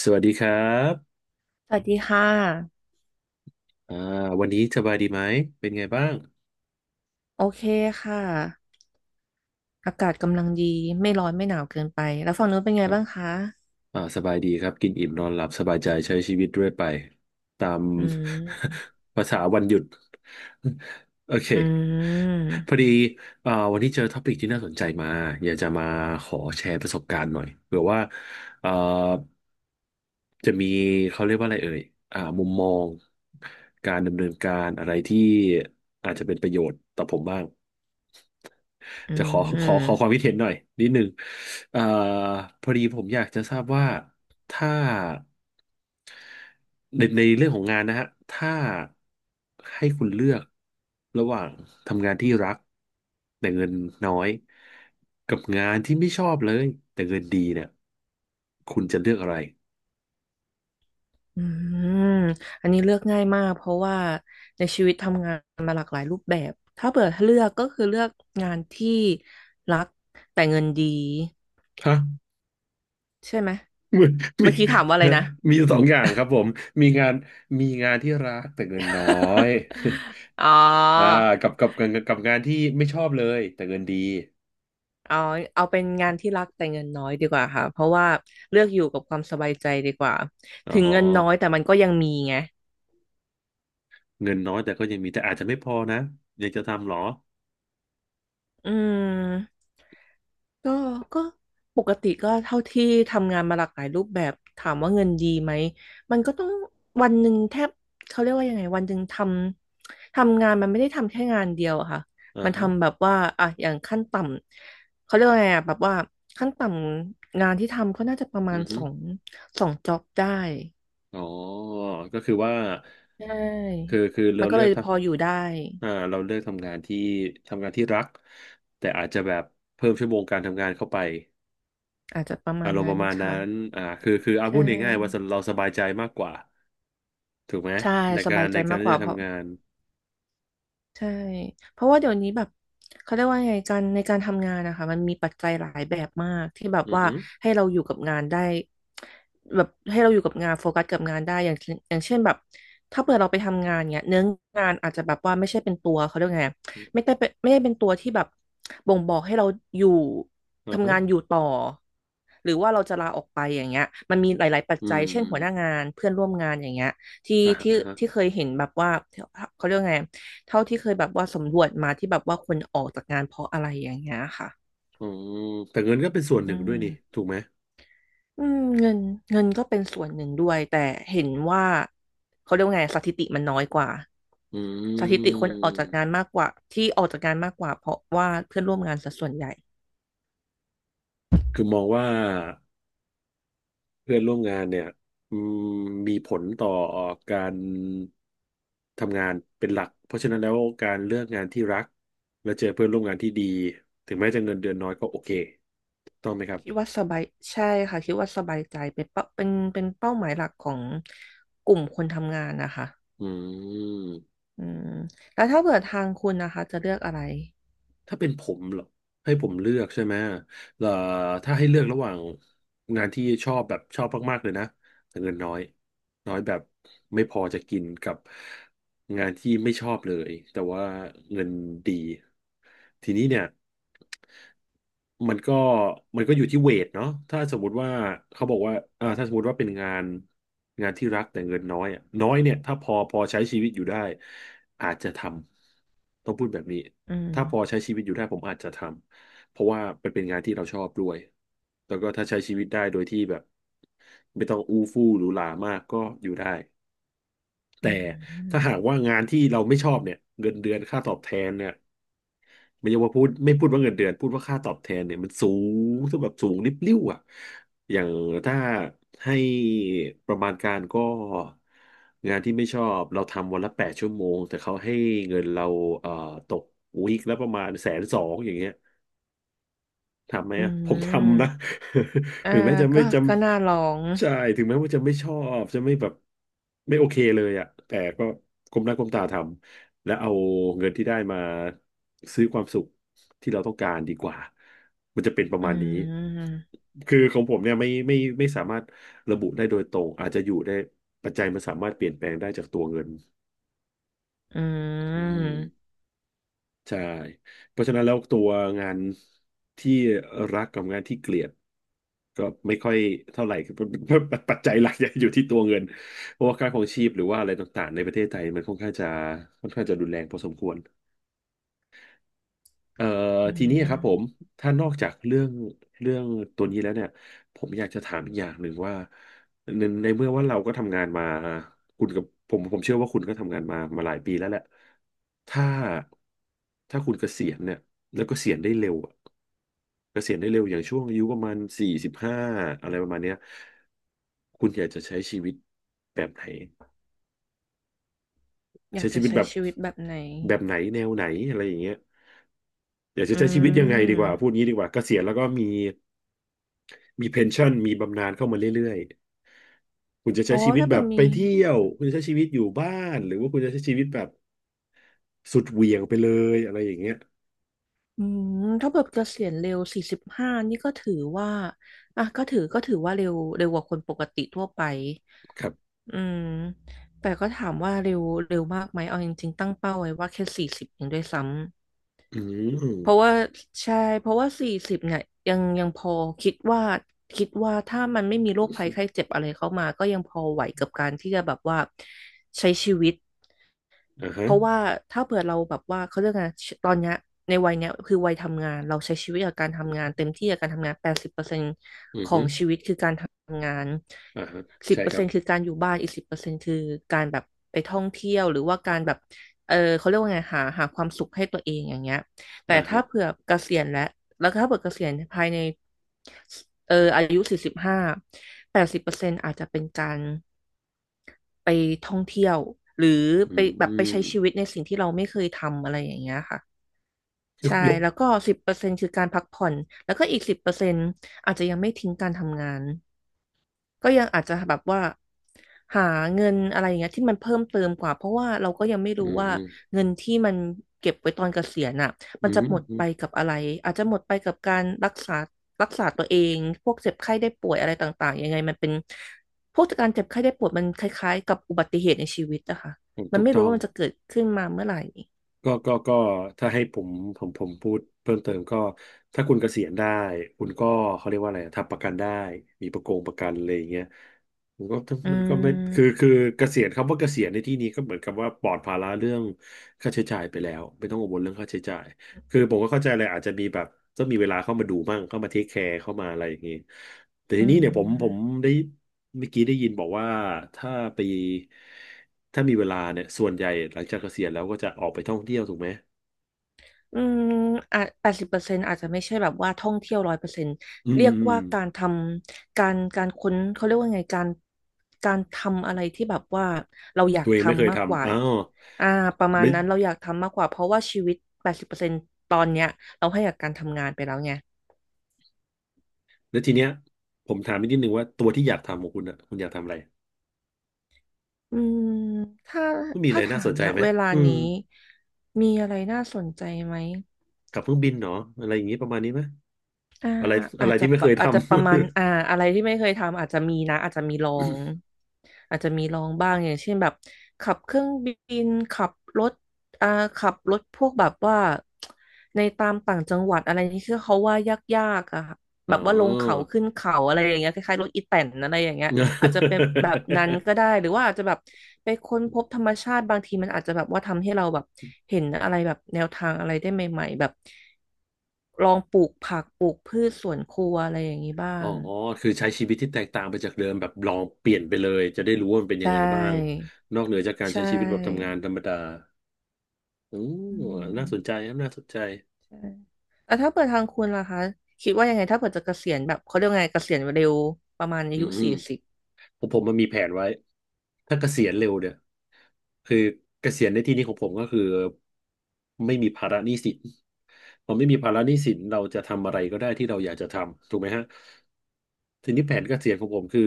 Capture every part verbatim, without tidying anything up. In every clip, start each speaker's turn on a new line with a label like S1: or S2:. S1: สวัสดีครับ
S2: สวัสดีค่ะ
S1: อ่าวันนี้สบายดีไหมเป็นไงบ้าง
S2: โอเคค่ะอากาศกำลังดีไม่ร้อนไม่หนาวเกินไปแล้วฝั่งนู้นเป็น
S1: ค
S2: ไง
S1: รับ
S2: บ้างคะ
S1: อ่าสบายดีครับ กินอิ่มนอนหลับสบายใจใช้ชีวิตด้วยไปตาม
S2: อืม
S1: ภาษาวันหยุด โอเค
S2: อื
S1: พอ
S2: ม
S1: ดีอ่าวันนี้เจอท็อปิกที่น่าสนใจมาอยากจะมาขอแชร์ประสบการณ์หน่อยเผื่อว่าอ่าจะมีเขาเรียกว่าอะไรเอ่ยอ่ามุมมองการดำเนินการอะไรที่อาจจะเป็นประโยชน์ต่อผมบ้าง
S2: อื
S1: จะขอขอขอ
S2: ม
S1: ความคิดเห็นหน่อยนิดนึงเอ่อพอดีผมอยากจะทราบว่าถ้าในในเรื่องของงานนะฮะถ้าให้คุณเลือกระหว่างทำงานที่รักแต่เงินน้อยกับงานที่ไม่ชอบเลยแต่เงินดีเนี่ยคุณจะเลือกอะไร
S2: อืมอันนี้เลือกง่ายมากเพราะว่าในชีวิตทำงานมาหลากหลายรูปแบบถ้าเปิดเลือกก็คือเลือกงานที่รักแต่เงินดี
S1: ฮะ
S2: ใช่ไหม
S1: มีมี
S2: เมื่อกี้ถามว่าอะไรนะ
S1: มีสองอย่างครับผมมีงานมีงานที่รักแต่เงินน้อย
S2: อ๋
S1: อ่า
S2: อ
S1: กับกับกับกับงานที่ไม่ชอบเลยแต่เงินดี
S2: อ๋อเอาเป็นงานที่รักแต่เงินน้อยดีกว่าค่ะเพราะว่าเลือกอยู่กับความสบายใจดีกว่า
S1: อ๋
S2: ถึง
S1: อ
S2: เงินน้อยแต่มันก็ยังมีไง
S1: เงินน้อยแต่ก็ยังมีแต่อาจจะไม่พอนะอยากจะทำเหรอ
S2: อืมก็ก็ปกติก็เท่าที่ทำงานมาหลากหลายรูปแบบถามว่าเงินดีไหมมันก็ต้องวันหนึ่งแทบเขาเรียกว่ายังไงวันหนึ่งทำทำงานมันไม่ได้ทำแค่งานเดียวอะค่ะ
S1: อ่า
S2: มัน
S1: ฮะ
S2: ทำแบบว่าอ่ะอย่างขั้นต่ำเขาเรียกว่าไงอะแบบว่าขั้นต่ำงานที่ทำก็น่าจะประมา
S1: อื
S2: ณ
S1: อฮึ
S2: สองสองจ็อบได้
S1: อ๋อก็คือว่า
S2: ใช
S1: คื
S2: ่
S1: อคือ
S2: มั
S1: เรา
S2: นก็
S1: เลื
S2: เล
S1: อก
S2: ย
S1: ท
S2: พออยู่ได้
S1: ำอ่าเราเลือกทำงานที่ทำงานที่รักแต่อาจจะแบบเพิ่มชั่วโมงการทำงานเข้าไป
S2: อาจจะประมา
S1: อา
S2: ณ
S1: รมณ์ป
S2: นั้น
S1: ระมาณนั้
S2: ค่ะ
S1: นอ่าคือคือเอา
S2: ใช
S1: พูดง่ายๆว่า
S2: ่
S1: เราสบายใจมากกว่าถูกไหม
S2: ใช่
S1: ใน
S2: ส
S1: กา
S2: บา
S1: ร
S2: ยใจ
S1: ในการ
S2: มากก
S1: ที่
S2: ว่า
S1: จะ
S2: เพราะ
S1: ทำงาน
S2: ใช่เพราะว่าเดี๋ยวนี้แบบเขาเรียกว่าไงการในการทำงานนะคะมันมีปัจจัยหลายแบบมากที่แบบ
S1: อือ
S2: ว่า
S1: ฮึ
S2: ให้เราอยู่กับงานได้แบบให้เราอยู่กับงานโฟกัสกับงานได้อย่างเช่นอย่างเช่นแบบถ้าเผื่อเราไปทำงานเนี้ยเนื้องานอาจจะแบบว่าไม่ใช่เป็นตัวเขาเรียกไงไม่ได้เป็นไม่ได้เป็นตัวที่แบบบ่งบอกให้เราอยู่
S1: อือฮึ
S2: ทำงานอยู่ต่อหรือว่าเราจะลาออกไปอย่างเงี้ยมันมีหลายๆปัจ
S1: อื
S2: จั
S1: ม
S2: ยเช่
S1: อ
S2: น
S1: ม
S2: หัวหน้างานเพื่อนร่วมงานอย่างเงี้ยที่
S1: อ่า
S2: ที่
S1: ฮะ
S2: ที่เคยเห็นแบบว่าเขาเรียกว่าไง เท่าที่เคยแบบว่าสำรวจมาที่แบบว่าคนออกจากงานเพราะอะไรอย่างเงี้ยค่ะ
S1: อืมแต่เงินก็เป็นส่วนห
S2: อื
S1: นึ่งด้วยนี่
S2: ม
S1: ถูกไหม
S2: อืมเงินเงินก็เป็นส่วนหนึ่งด้วยแต่เห็นว่าเขาเรียกว่าไงสถิติมันน้อยกว่า
S1: อื
S2: สถิติคนออกจากงาน
S1: ม
S2: มากกว่าที่ออกจากงานมากกว่าเพราะว่าเพื่อนร่วมงานสะส่วนใหญ่
S1: คือมองว่าเพื่อนร่วมงานเนี่ยอืมมีผลต่อการทำงานเป็นหลักเพราะฉะนั้นแล้วการเลือกงานที่รักและเจอเพื่อนร่วมงานที่ดีถึงแม้จะเงินเดือนน้อยก็โอเคถูกต้องไหมครั
S2: คิด
S1: บ
S2: ว่าสบายใช่ค่ะคิดว่าสบายใจเป็นเป้าเป็นเป็นเป้าหมายหลักของกลุ่มคนทำงานนะคะ
S1: อืม
S2: อืมแล้วถ้าเกิดทางคุณนะคะจะเลือกอะไร
S1: ถ้าเป็นผมเหรอให้ผมเลือกใช่ไหมเอ่อถ้าให้เลือกระหว่างงานที่ชอบแบบชอบมากๆเลยนะแต่เงินน้อยน้อยแบบไม่พอจะกินกับ งานที่ไม่ชอบเลยแต่ว่าเงินดีทีนี้เนี่ยมันก็มันก็อยู่ที่เวทเนาะถ้าสมมุติว่าเขาบอกว่าอ่าถ้าสมมติว่าเป็นงานงานที่รักแต่เงินน้อยอะน้อยเนี่ยถ้าพอพอใช้ชีวิตอยู่ได้อาจจะทำต้องพูดแบบนี้
S2: อืม
S1: ถ้าพอใช้ชีวิตอยู่ได้ผมอาจจะทำเพราะว่ามันเป็นงานที่เราชอบด้วยแล้วก็ถ้าใช้ชีวิตได้โดยที่แบบไม่ต้องอู้ฟู่หรูหรามากก็อยู่ได้ แต่
S2: อื
S1: ถ้า
S2: ม
S1: หากว่างานที่เราไม่ชอบเนี่ยเงินเดือนค่าตอบแทนเนี่ยไม่ใช่ว่าพูดไม่พูดว่าเงินเดือนพูดว่าค่าตอบแทนเนี่ยมันสูงถ้าแบบสูงริบลิ่วอ่ะอย่างถ้าให้ประมาณการก็งานที่ไม่ชอบเราทำวันละแปดชั่วโมงแต่เขาให้เงินเราเอ่อตกวีคละประมาณแสนสองอย่างเงี้ย ทำไหม
S2: อื
S1: อ่ะผมทำนะ
S2: ม อ่า
S1: ถึงแม้จะไม่
S2: ก็
S1: จ
S2: ก็น่าลอง
S1: ำใช่ถึงแม้ว่าจะไม่ชอบจะไม่แบบไม่โอเคเลยอ่ะแต่ก็ก้มหน้าก้มตาทำและเอาเงินที่ได้มาซื้อความสุขที่เราต้องการดีกว่ามันจะเป็นประ
S2: อื
S1: มาณนี้
S2: ม
S1: คือของผมเนี่ยไม่ไม่ไม่สามารถระบุได้โดยตรงอาจจะอยู่ได้ปัจจัยมันสามารถเปลี่ยนแปลงได้จากตัวเงิน
S2: อื
S1: อื
S2: ม
S1: ม ใช่เพราะฉะนั้นแล้วตัวงานที่รักกับงานที่เกลียดก็ไม่ค่อยเท่าไหร่คือ ปัจจัยหลักยังอยู่ที่ตัวเงินเพราะว่าค่าครองชีพหรือว่าอะไรต่างๆในประเทศไทยมันค่อนข้างจะค่อนข้างจะรุนแรงพอสมควร เอ่อ
S2: อื
S1: ทีนี้ครับผม
S2: ม
S1: ถ้านอกจากเรื่องเรื่องตัวนี้แล้วเนี่ยผมอยากจะถามอีกอย่างหนึ่งว่าในในเมื่อว่าเราก็ทำงานมาคุณกับผมผมเชื่อว่าคุณก็ทำงานมามาหลายปีแล้วแหละถ้าถ้าคุณเกษียณเนี่ยแล้วเกษียณได้เร็วอะเกษียณได้เร็วอย่างช่วงอายุประมาณสี่สิบห้าอะไรประมาณเนี้ยคุณอยากจะใช้ชีวิตแบบไหน
S2: อยา
S1: ใช้
S2: ก
S1: ชี
S2: จะ
S1: วิต
S2: ใช้
S1: แบบ
S2: ชีวิตแบบไหน
S1: แบบไหนแนวไหนอะไรอย่างเงี้ย อยากจะ
S2: อื
S1: ใช้ชีวิตยังไงดีกว่าพูด
S2: ม
S1: งี้ดีกว่าเกษียณแล้วก็มีมีเพนชั่นมีบำนาญเข้ามาเรื่อยๆคุณจะ
S2: อ๋
S1: ใช้
S2: อ
S1: ชีวิต
S2: ถ้า
S1: แบ
S2: เกิด
S1: บ
S2: มี
S1: ไปเที่ยวคุณจะใช้ชีวิตอยู่บ้านหรือว่าคุณจะใช้ชีวิตแบบสุดเหวี่ยงไปเลยอะไรอย่างเงี้ย
S2: อืมถ้าเกิดเกษียณเร็วสี่สิบห้านี่ก็ถือว่าอ่ะก็ถือก็ถือว่าเร็วเร็วกว่าคนปกติทั่วไป
S1: ครับ
S2: อืมแต่ก็ถามว่าเร็วเร็วมากไหมเอาจริงๆตั้งเป้าไว้ว่าแค่สี่สิบเองด้วยซ้ำ
S1: อื
S2: เพราะว่า
S1: ม
S2: ใช่เพราะว่าสี่สิบเนี่ยยังยังพอคิดว่าคิดว่าถ้ามันไม่มีโรคภัยไข้เจ็บอะไรเข้ามาก็ยังพอไหวกับการที่จะแบบว่าใช้ชีวิต
S1: อ่าฮะ
S2: เพราะว่าถ้าเผื่อเราแบบว่าเขาเรียกไงตอนเนี้ยในวัยเนี้ยคือวัยทำงานเราใช้ชีวิตกับการทำงานเต็มที่กับการทำงานแปดสิบเปอร์เซ็นต์
S1: อื
S2: ของ
S1: ม
S2: ชีวิตคือการทำงาน
S1: อ่าฮะ
S2: สิบ
S1: ใช่
S2: เปอ
S1: ค
S2: ร์
S1: รั
S2: เซ็
S1: บ
S2: นต์คือการอยู่บ้านอีกสิบเปอร์เซ็นต์คือการแบบไปท่องเที่ยวหรือว่าการแบบเออเขาเรียกว่าไงหาหาความสุขให้ตัวเองอย่างเงี้ยแต่
S1: อ่า
S2: ถ้า
S1: ฮะ
S2: เผื่อเกษียณแล้วแล้วถ้าเผื่อเกษียณภายในเอออายุสี่สิบห้าแปดสิบเปอร์เซ็นต์อาจจะเป็นการ ไปท่องเที่ยวหรือ
S1: อื
S2: ไปแบบไปใช้ชีวิ
S1: ม
S2: ตในสิ่งที่เราไม่เคยทำอะไรอย่างเงี้ยค่ะ
S1: ยก
S2: ใช่
S1: ยก
S2: แล้วก็สิบเปอร์เซ็นต์คือการพักผ่อนแล้วก็อีกสิบเปอร์เซ็นต์อาจจะยังไม่ทิ้งการทำงาน ก็ยังอาจจะแบบว่าหาเงินอะไรอย่างเงี้ยที่มันเพิ่มเติมกว่าเพราะว่าเราก็ยังไม่
S1: อื
S2: รู้
S1: ม
S2: ว่า
S1: อื
S2: เงินที่มันเก็บไว้ตอนเกษียณอ่ะ
S1: ม
S2: มันจะหมด
S1: อื
S2: ไป
S1: ม
S2: กับอะไรอาจจะหมดไปกับการรักษารักษาตัวเองพวกเจ็บไข้ได้ป่วยอะไรต่างๆยังไงมันเป็นพวกการเจ็บไข้ได้ป่วยมันคล้ายๆกับอุบัติเหตุในชีวิตอะค่ะมัน
S1: ถูก
S2: ไม่รู้
S1: ต้อง
S2: ว่ามันจะเกิดขึ้นมาเมื่อไหร่
S1: ก็ก็ก็ถ้าให้ผมผมผมพูดเพิ่มเติมก็ถ้าคุณเกษียณได้ คุณก็เขาเรียกว่าอะไรทำประกันได้มีประกงประกันอะไรอย่างเงี้ยมันก็
S2: อื
S1: มันก็ไม่คือ
S2: ม
S1: คือเกษียณคำว่าเกษียณในที่นี้ก็เหมือนกับว่าปลอดภาระเรื่องค่าใช้จ่ายไปแล้วไม่ต้องกังวลเรื่องค่าใช้จ่ายคือผมก็เข้าใจเลยอาจจะมีแบบต้องมีเวลาเข้ามาดูบ้างเข้ามาเทคแคร์เข้ามาอะไรอย่างงี้แต่ที
S2: อื
S1: นี้เนี่ยผมผม
S2: ม
S1: ได้ เมื่อกี้ได้ยินบอกว่าถ้าไปถ้ามีเวลาเนี่ยส่วนใหญ่หลังจากเกษียณแล้วก็จะออกไปท่องเที่ยวถูกไหม
S2: อืมอ่ะแปดสิบเปอร์เซ็นต์อาจจะไม่ใช่แบบว่าท่องเที่ยวร้อยเปอร์เซ็นต์
S1: อืม
S2: เรี
S1: อื
S2: ย
S1: ม
S2: ก
S1: อืม
S2: ว่าการทำการการค้นเขาเรียกว่าไงการการทำอะไรที่แบบว่าเราอยา
S1: ตั
S2: ก
S1: วเองไม่เคย
S2: ทำมากกว่า
S1: ทำอ้าว
S2: อ่าประมาณ
S1: ไม่
S2: นั้นเราอยากทำมากกว่าเพราะว่าชีวิตแปดสิบเปอร์เซ็นต์ตอนเนี้ยเราให้กับการทำงานไปแล้วไง
S1: แล้วทีเนี้ยผมถามอีกนิดนึงว่าตัวที่อยากทำของคุณอ่ะคุณอยากทำอะไร
S2: อืมถ้า
S1: ไม่มีอะ
S2: ถ้า
S1: ไรน่า
S2: ถา
S1: ส
S2: ม
S1: นใจ
S2: นะ
S1: ไหม
S2: เวลา
S1: อืม
S2: นี้มีอะไรน่าสนใจไหม
S1: กับเครื่องบินเหรออะไรอย่างงี้ประมาณนี้ไหม
S2: อ่า
S1: อะไรอะ
S2: อา
S1: ไร
S2: จจะ
S1: ที่ไม่เค
S2: ปะ
S1: ยท
S2: อาจจะประมาณอ่าอะไรที่ไม่เคยทำอาจจะมีนะอาจจะมีลองอาจจะมีลองบ้างอย่างเช่นแบบขับเครื่องบินขับรถอ่าขับรถพวกแบบว่าในตามต่างจังหวัดอะไรนี่คือเขาว่ายากๆอะค่ะ
S1: ำ อ๋
S2: แบบว่าลงเขา
S1: อ
S2: ขึ้นเขาอะไรอย่างเงี้ยคล้ายๆรถอีแตนอะไรอย่างเงี้ย อาจจะเป็นแบบนั้นก็ ได้ หรือว่าอาจจะแบบไปค้นพบธรรมชาติบางทีมันอาจจะแบบว่าทำให้เราแบบเห็นอะไรแบบแนวทางอะไรได้ใหม่ๆแบบลองปลูกผักปลูกพืชสวนครัวอะไรอย่างนี้บ้า
S1: อ๋อ
S2: ง
S1: คือใช้ชีวิตที่แตกต่างไปจากเดิมแบบลองเปลี่ยนไปเลยจะได้รู้ว่ามันเป็นยัง
S2: ใช่
S1: ไงบ้างนอกเหนือจากการ
S2: ใช่
S1: ใช้ชีวิตแบบทำงานธรรมดาอืม
S2: อื
S1: น่าสนใจ
S2: ม
S1: ครับน่าสนใจ
S2: ใช่แล้วถ้าเปิดทางคุณล่ะคะคิดว่ายังไงถ้าเปิดจะเกษียณแบบเขาเรียกว่าไงเกษียณเร็วประมาณอา
S1: อื
S2: ยุ
S1: ม
S2: สี่สิบ
S1: ผมผมมันมีแผนไว้ถ้าเกษียณเร็วเนี่ยคือเกษียณในที่นี้ของผมก็คือไม่มีภาระหนี้สินพอไม่มีภาระหนี้สินเราจะทำอะไรก็ได้ที่เราอยากจะทำถูกไหมฮะทีนี้แผนเกษียณของผมคือ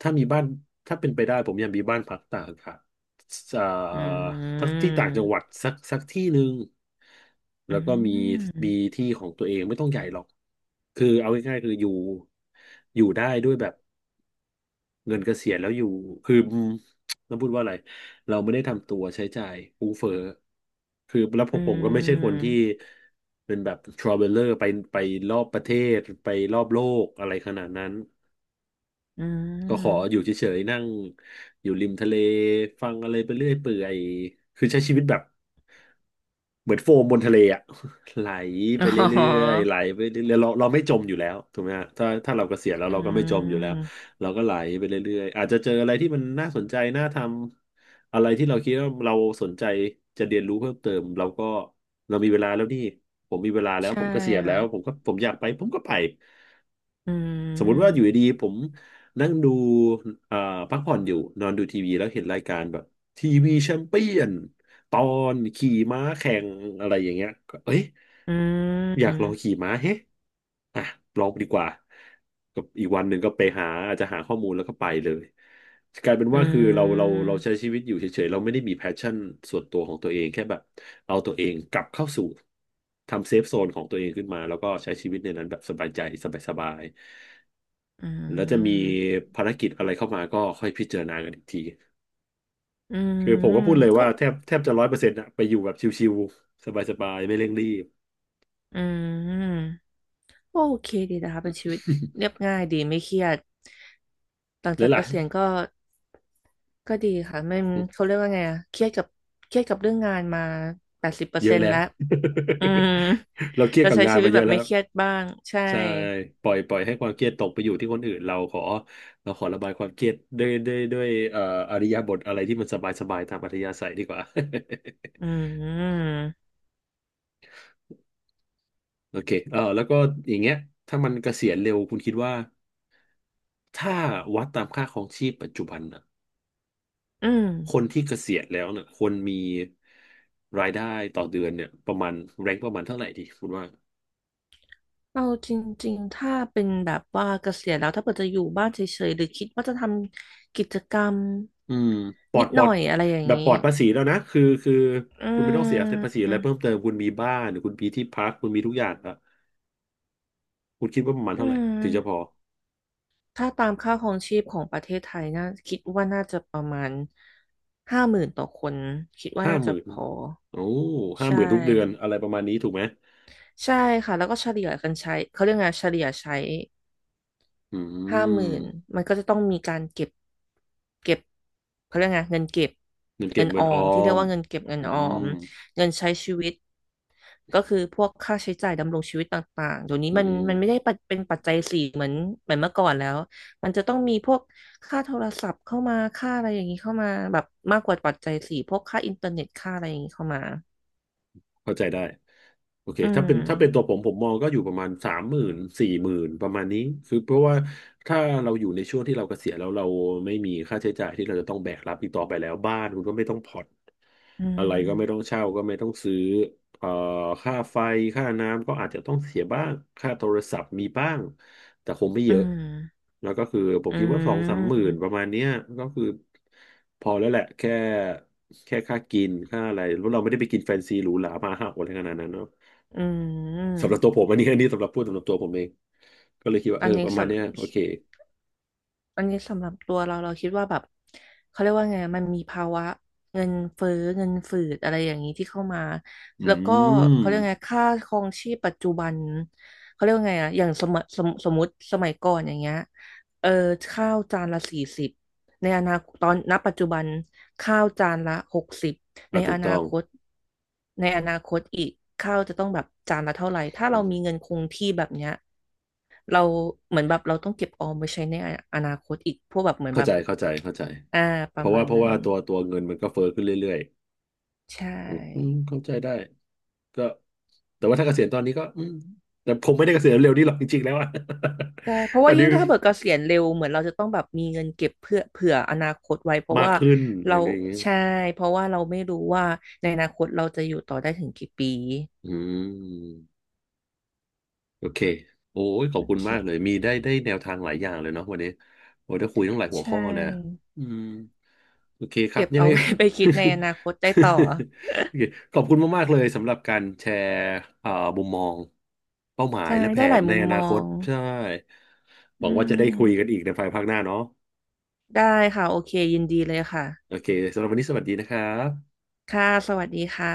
S1: ถ้ามีบ้านถ้าเป็นไปได้ผมอยากมีบ้านพักตากอากาศอ่า
S2: อื
S1: ทักที่ต่างจังหวัด
S2: ม
S1: สักสักที่หนึ่ง
S2: อื
S1: แล้วก็มีมี
S2: ม
S1: ที่ของตัวเองไม่ต้องใหญ่หรอกคือเอาง่ายๆคืออยู่อยู่ได้ด้วยแบบเงินเกษียณแล้วอยู่คืออืมเราพูดว่าอะไรเราไม่ได้ทำตัวใช้จ่ายฟุ่มเฟือยคือแล้วพ
S2: อื
S1: วกผมก็ไม่ใช่คน
S2: ม
S1: ที่เป็นแบบทราเวลเลอร์ไปไปรอบประเทศไปรอบโลกอะไรขนาดนั้น
S2: อื
S1: ก็ขออยู่
S2: ม
S1: เฉยๆนั่งอยู่ริมทะเลฟังอะไรไปเรื่อยเปื่อยคือใช้ชีวิตแบบเหมือนโฟมบนทะเลอะ ไหลไป
S2: อ๋
S1: เรื่อย
S2: อ
S1: ๆไหลไปเรื่อยๆเราเราไม่จมอยู่แล้วถูกไหมฮะถ้าถ้าเราเกษียณแล้ว
S2: อื
S1: เราก็ไม่จมอยู่แล้ว
S2: ม
S1: เราก็ไหลไปเรื่อยๆอาจจะเจออะไรที่มันน่าสนใจน่าทำอะไรที่เราคิดว่าเราสนใจจะเรียนรู้เพิ่มเติมเราก็เรามีเวลาแล้วนี่ผมมีเวลาแล้ว
S2: ใช่
S1: ผมเกษียณแล้
S2: ค่ะ
S1: วผมก็ผมอยากไปผมก็ไป
S2: อื
S1: สมมุติว่าอยู่
S2: ม
S1: ดีๆผมนั่งดูเอ่อพักผ่อนอยู่นอนดูทีวีแล้วเห็นรายการแบบทีวีแชมเปี้ยนตอนขี่ม้าแข่งอะไรอย่างเงี้ยก็เอ้ย
S2: อื
S1: อยากลอ
S2: ม
S1: งขี่ม้าเฮ้อ่ะลองดีกว่าก็อีกวันหนึ่งก็ไปหาอาจจะหาข้อมูลแล้วก็ไปเลยกลายเป็น
S2: อื
S1: ว่าคือเราเรา
S2: ม
S1: เราใช้ชีวิตอยู่เฉยๆเราไม่ได้มีแพชชั่นส่วนตัวของตัวเองแค่แบบเอาตัวเองกลับเข้าสู่ทำเซฟโซนของตัวเองขึ้นมาแล้วก็ใช้ชีวิตในนั้นแบบสบายใจสบายๆ
S2: อื
S1: แล้วจะมี
S2: ม
S1: ภารกิจอะไรเข้ามาก็ค่อยพิจารณากันอีกที
S2: อื
S1: คือผม
S2: ม
S1: ก็พูดเลย
S2: ก็
S1: ว่าแทบแทบจะร้อยเปอร์เซ็นต์อะไปอยู่แบบชิวๆสบายๆไม่เร่งรีบ
S2: อืมโอเคดีนะคะเป็นชีวิตเรียบ ง่ายดีไม่เครียดหลัง
S1: แล้
S2: จา
S1: ว
S2: กเก
S1: ล่ะ
S2: ษียณก็ก็ดีค่ะไม่เขาเรียกว่าไงอะเครียดกับเครียดกับเรื่องงานมาแปดสิบเปอ
S1: เย
S2: ร์เซ็
S1: อะ
S2: น
S1: แล้
S2: ต์
S1: ว
S2: แล้วอืม
S1: เราเครีย
S2: แต่
S1: ดกับ
S2: ใช้
S1: งา
S2: ชี
S1: น
S2: วิต
S1: มาเย
S2: แบ
S1: อะ
S2: บ
S1: แล้
S2: ไม่
S1: ว
S2: เครียดบ้างใช่
S1: ใช่ปล่อยปล่อยให้ความเครียดตกไปอยู่ที่คนอื่นเราขอเราขอระบายความเครียดด้วยด้วยด้วยเอ่ออริยบทอะไรที่มันสบายสบายตามอัธยาศัยดีกว่า
S2: อื ม
S1: โอเคเออแล้วก็อย่างเงี้ยถ้ามันเกษียณเร็วคุณคิดว่าถ้าวัดตามค่าครองชีพปัจจุบันอะ
S2: อืม
S1: คนที่เกษียณแล้วเนี่ยควรมีรายได้ต่อเดือนเนี่ยประมาณแรงประมาณเท่าไหร่ดีคุณว่า
S2: เอาจริงๆ ถ้าเป็นแบบว่าเกษียณแล้วถ้าเกิดจะอยู่บ้านเฉยๆหรือคิดว่าจะทำกิจกรรม
S1: อืมปลอ
S2: นิ
S1: ด
S2: ด
S1: ปล
S2: ห
S1: อ
S2: น่
S1: ด
S2: อยอะไรอย่าง
S1: แบบปล
S2: นี้
S1: อดภาษีแล้วนะคือคือ
S2: อื
S1: คุณไม่ต้องเสียภาษี
S2: ม
S1: อะไรเพิ่มเติมคุณมีบ้านหรือคุณมีที่พักคุณมีทุกอย่างแล้วคุณคิดว่าประมาณ
S2: อื
S1: เท่าไหร่ถึงจะพอ
S2: มถ้าตามค่าครองชีพของประเทศไทยน่าคิดว่าน่าจะประมาณห้าหมื่นต่อคนคิดว่า
S1: ห้า
S2: น่า
S1: ห
S2: จะ
S1: มื่น
S2: พอ
S1: โอ้ห้า
S2: ใช
S1: หมื่นทุกเดือน
S2: ่
S1: อะไรประมาณนี้ถูกไหม
S2: ใช่ค่ะแล้วก็เฉลี่ยกันใช้เขาเรียกไงเฉลี่ยใช้
S1: อื
S2: ห้าหมื่น
S1: ม
S2: มันก็จะต้องมีการเก็บ เก็บเขาเรียกไงเงินเก็บ
S1: เงินเก็
S2: เงิ
S1: บ
S2: น
S1: เงิ
S2: อ
S1: น
S2: อ
S1: ออ
S2: มที่เรีย
S1: ม
S2: กว่าเงินเก็บเงิน
S1: อื
S2: ออม
S1: ม
S2: เงินใช้ชีวิต ก็คือพวกค่าใช้จ่ายดำรงชีวิตต่างๆเดี๋ยวนี้
S1: อื
S2: มันมันไม่ได้
S1: ม
S2: ปัจเป็นปัจจัยสี่เหมือนเหมือนเมื่อก่อนแล้วมันจะต้องมีพวกค่าโทรศัพท์เข้ามา ค่าอะไรอย่างนี้เข้ามาแบบมากกว่าปัจจัยสี่พวกค่าอินเทอร์เน็ตค่าอะไรอย่างนี้เข้ามา
S1: เข้าใจได้โอเค
S2: อื
S1: ถ้าเป็
S2: ม
S1: นถ้าเป็นตัวผมผมมองก็อยู่ประมาณสามหมื่นสี่หมื่นประมาณนี้คือเพราะว่าถ้าเราอยู่ในช่วงที่เราเกษียณแล้วเราไม่มีค่าใช้จ่ายที่เราจะต้องแบกรับอีกต่อไปแล้วบ้านคุณก็ไม่ต้องผ่อน
S2: อื
S1: อะไรก็ไม่ต้อง
S2: ม
S1: เช่าก็ไม่ต้องซื้อ เอ่อค่าไฟค่าน้ำก็อาจจะต้องเสียบ้าง ค่าโทรศัพท์มีบ้าง แต่คงไม่เย
S2: อื
S1: อะ
S2: ม
S1: แล้วก็คือผม
S2: อื
S1: คิดว่าสองสามหมื่
S2: ม
S1: นประมาณเนี้ยก็คือพอแล้วแหละแค่แค่ค่ากินค่าอะไรเพราะเราไม่ได้ไปกินแฟนซีหรูหรามาห้าโออะไรขนาดนั้นเนาะ
S2: อื
S1: สำหรับตัวผ
S2: ม
S1: มอันนี้ อันนี้สำหรับพูดสำหรับตัวผมเองก็เลยคิดว่า
S2: อั
S1: เอ
S2: น
S1: อป
S2: นี้
S1: ระมาณ
S2: สำ
S1: เนี้ยโอเค
S2: อันนี้สำหรับตัวเราเราคิดว่าแบบเขาเรียกว่าไงมันมีภาวะเงินเฟ้อเงินฝืดอะไรอย่างนี้ที่เข้ามา
S1: อื
S2: แล้วก็
S1: ม
S2: เขาเรียกไงค่าครองชีพปัจจุบันเขาเรียกว่าไงอะอย่างสมสมสมมติสมัยก่อนอย่างเงี้ยเออข้าวจานละสี่สิบในอนาคตตอนณปัจจุบันข้าวจานละหกสิบ
S1: อ่ะ
S2: ใน
S1: ถู
S2: อ
S1: ก
S2: นา
S1: ต้อง
S2: คตในอนาคตอีกข้าวจะต้องแบบจานละเท่าไหร่ถ้าเรามีเงินคงที่แบบเนี้ย เราเหมือนแบบเราต้องเก็บออมไว้ใช้ในออนาคตอีกพวกแบบเหมือน
S1: เข้า
S2: แบบ
S1: ใจเข้าใจเข้าใจ
S2: อ่าป
S1: เพ
S2: ระ
S1: ราะ
S2: มา
S1: ว่า
S2: ณ
S1: เพราะ
S2: นั้น
S1: ว่าตัวตัวเงินมันก็เฟ้อขึ้นเรื่อย
S2: ใช
S1: ๆอืม
S2: ่
S1: เข้าใจได้ก็ แต่ว่าถ้าเกษียณตอนนี้ก็อืมแต่ผมไม่ได้เกษียณเร็วนี่หรอกจริงๆแล้วอะ
S2: ใช่เพราะ
S1: อั
S2: ว่า
S1: นนี้
S2: ยิ่งถ้าเบิกเกษียณเร็วเหมือนเราจะต้องแบบมีเงินเก็บเพื่อเผื่ออนาคตไว้เพราะ
S1: มาก
S2: ว่า
S1: ขึ้น
S2: เรา
S1: อะไรอย่างเงี้ย
S2: ใช่เพราะว่าเราไม่รู้ว่าในอนาคตเราจะอยู่ต่อได้ถึงกี่ปี
S1: อืมโอเคโอ้ยขอบ
S2: โอ
S1: คุณ
S2: เค
S1: มากเลยมีได้ได้แนวทางหลายอย่างเลยเนาะวันนี้โอ้ยได้คุยตั้งหลายหั
S2: ใช
S1: วข้อนะ
S2: ่
S1: อืมโอเคครับ
S2: เก็บ
S1: ยัง
S2: เอา
S1: ไง
S2: ไว้ ไปคิดในอนาคตได้ต่อ
S1: โอเคขอบคุณมากๆเลยสำหรับการแชร์เอ่อมุมมองเป้าหมาย
S2: ใช่
S1: และแผ
S2: ได้ห
S1: น
S2: ลาย
S1: ใน
S2: มุม
S1: อ
S2: ม
S1: นา
S2: อ
S1: คต
S2: ง
S1: ใช่ห
S2: อื
S1: วังว่าจะได้คุยกัน
S2: ม
S1: อีกในภายภาคหน้าเนาะ
S2: ได้ค่ะโอเคยินดีเลยค่ะ
S1: โอเคสำหรับวันนี้สวัสดีนะครับ
S2: ค่ะสวัสดีค่ะ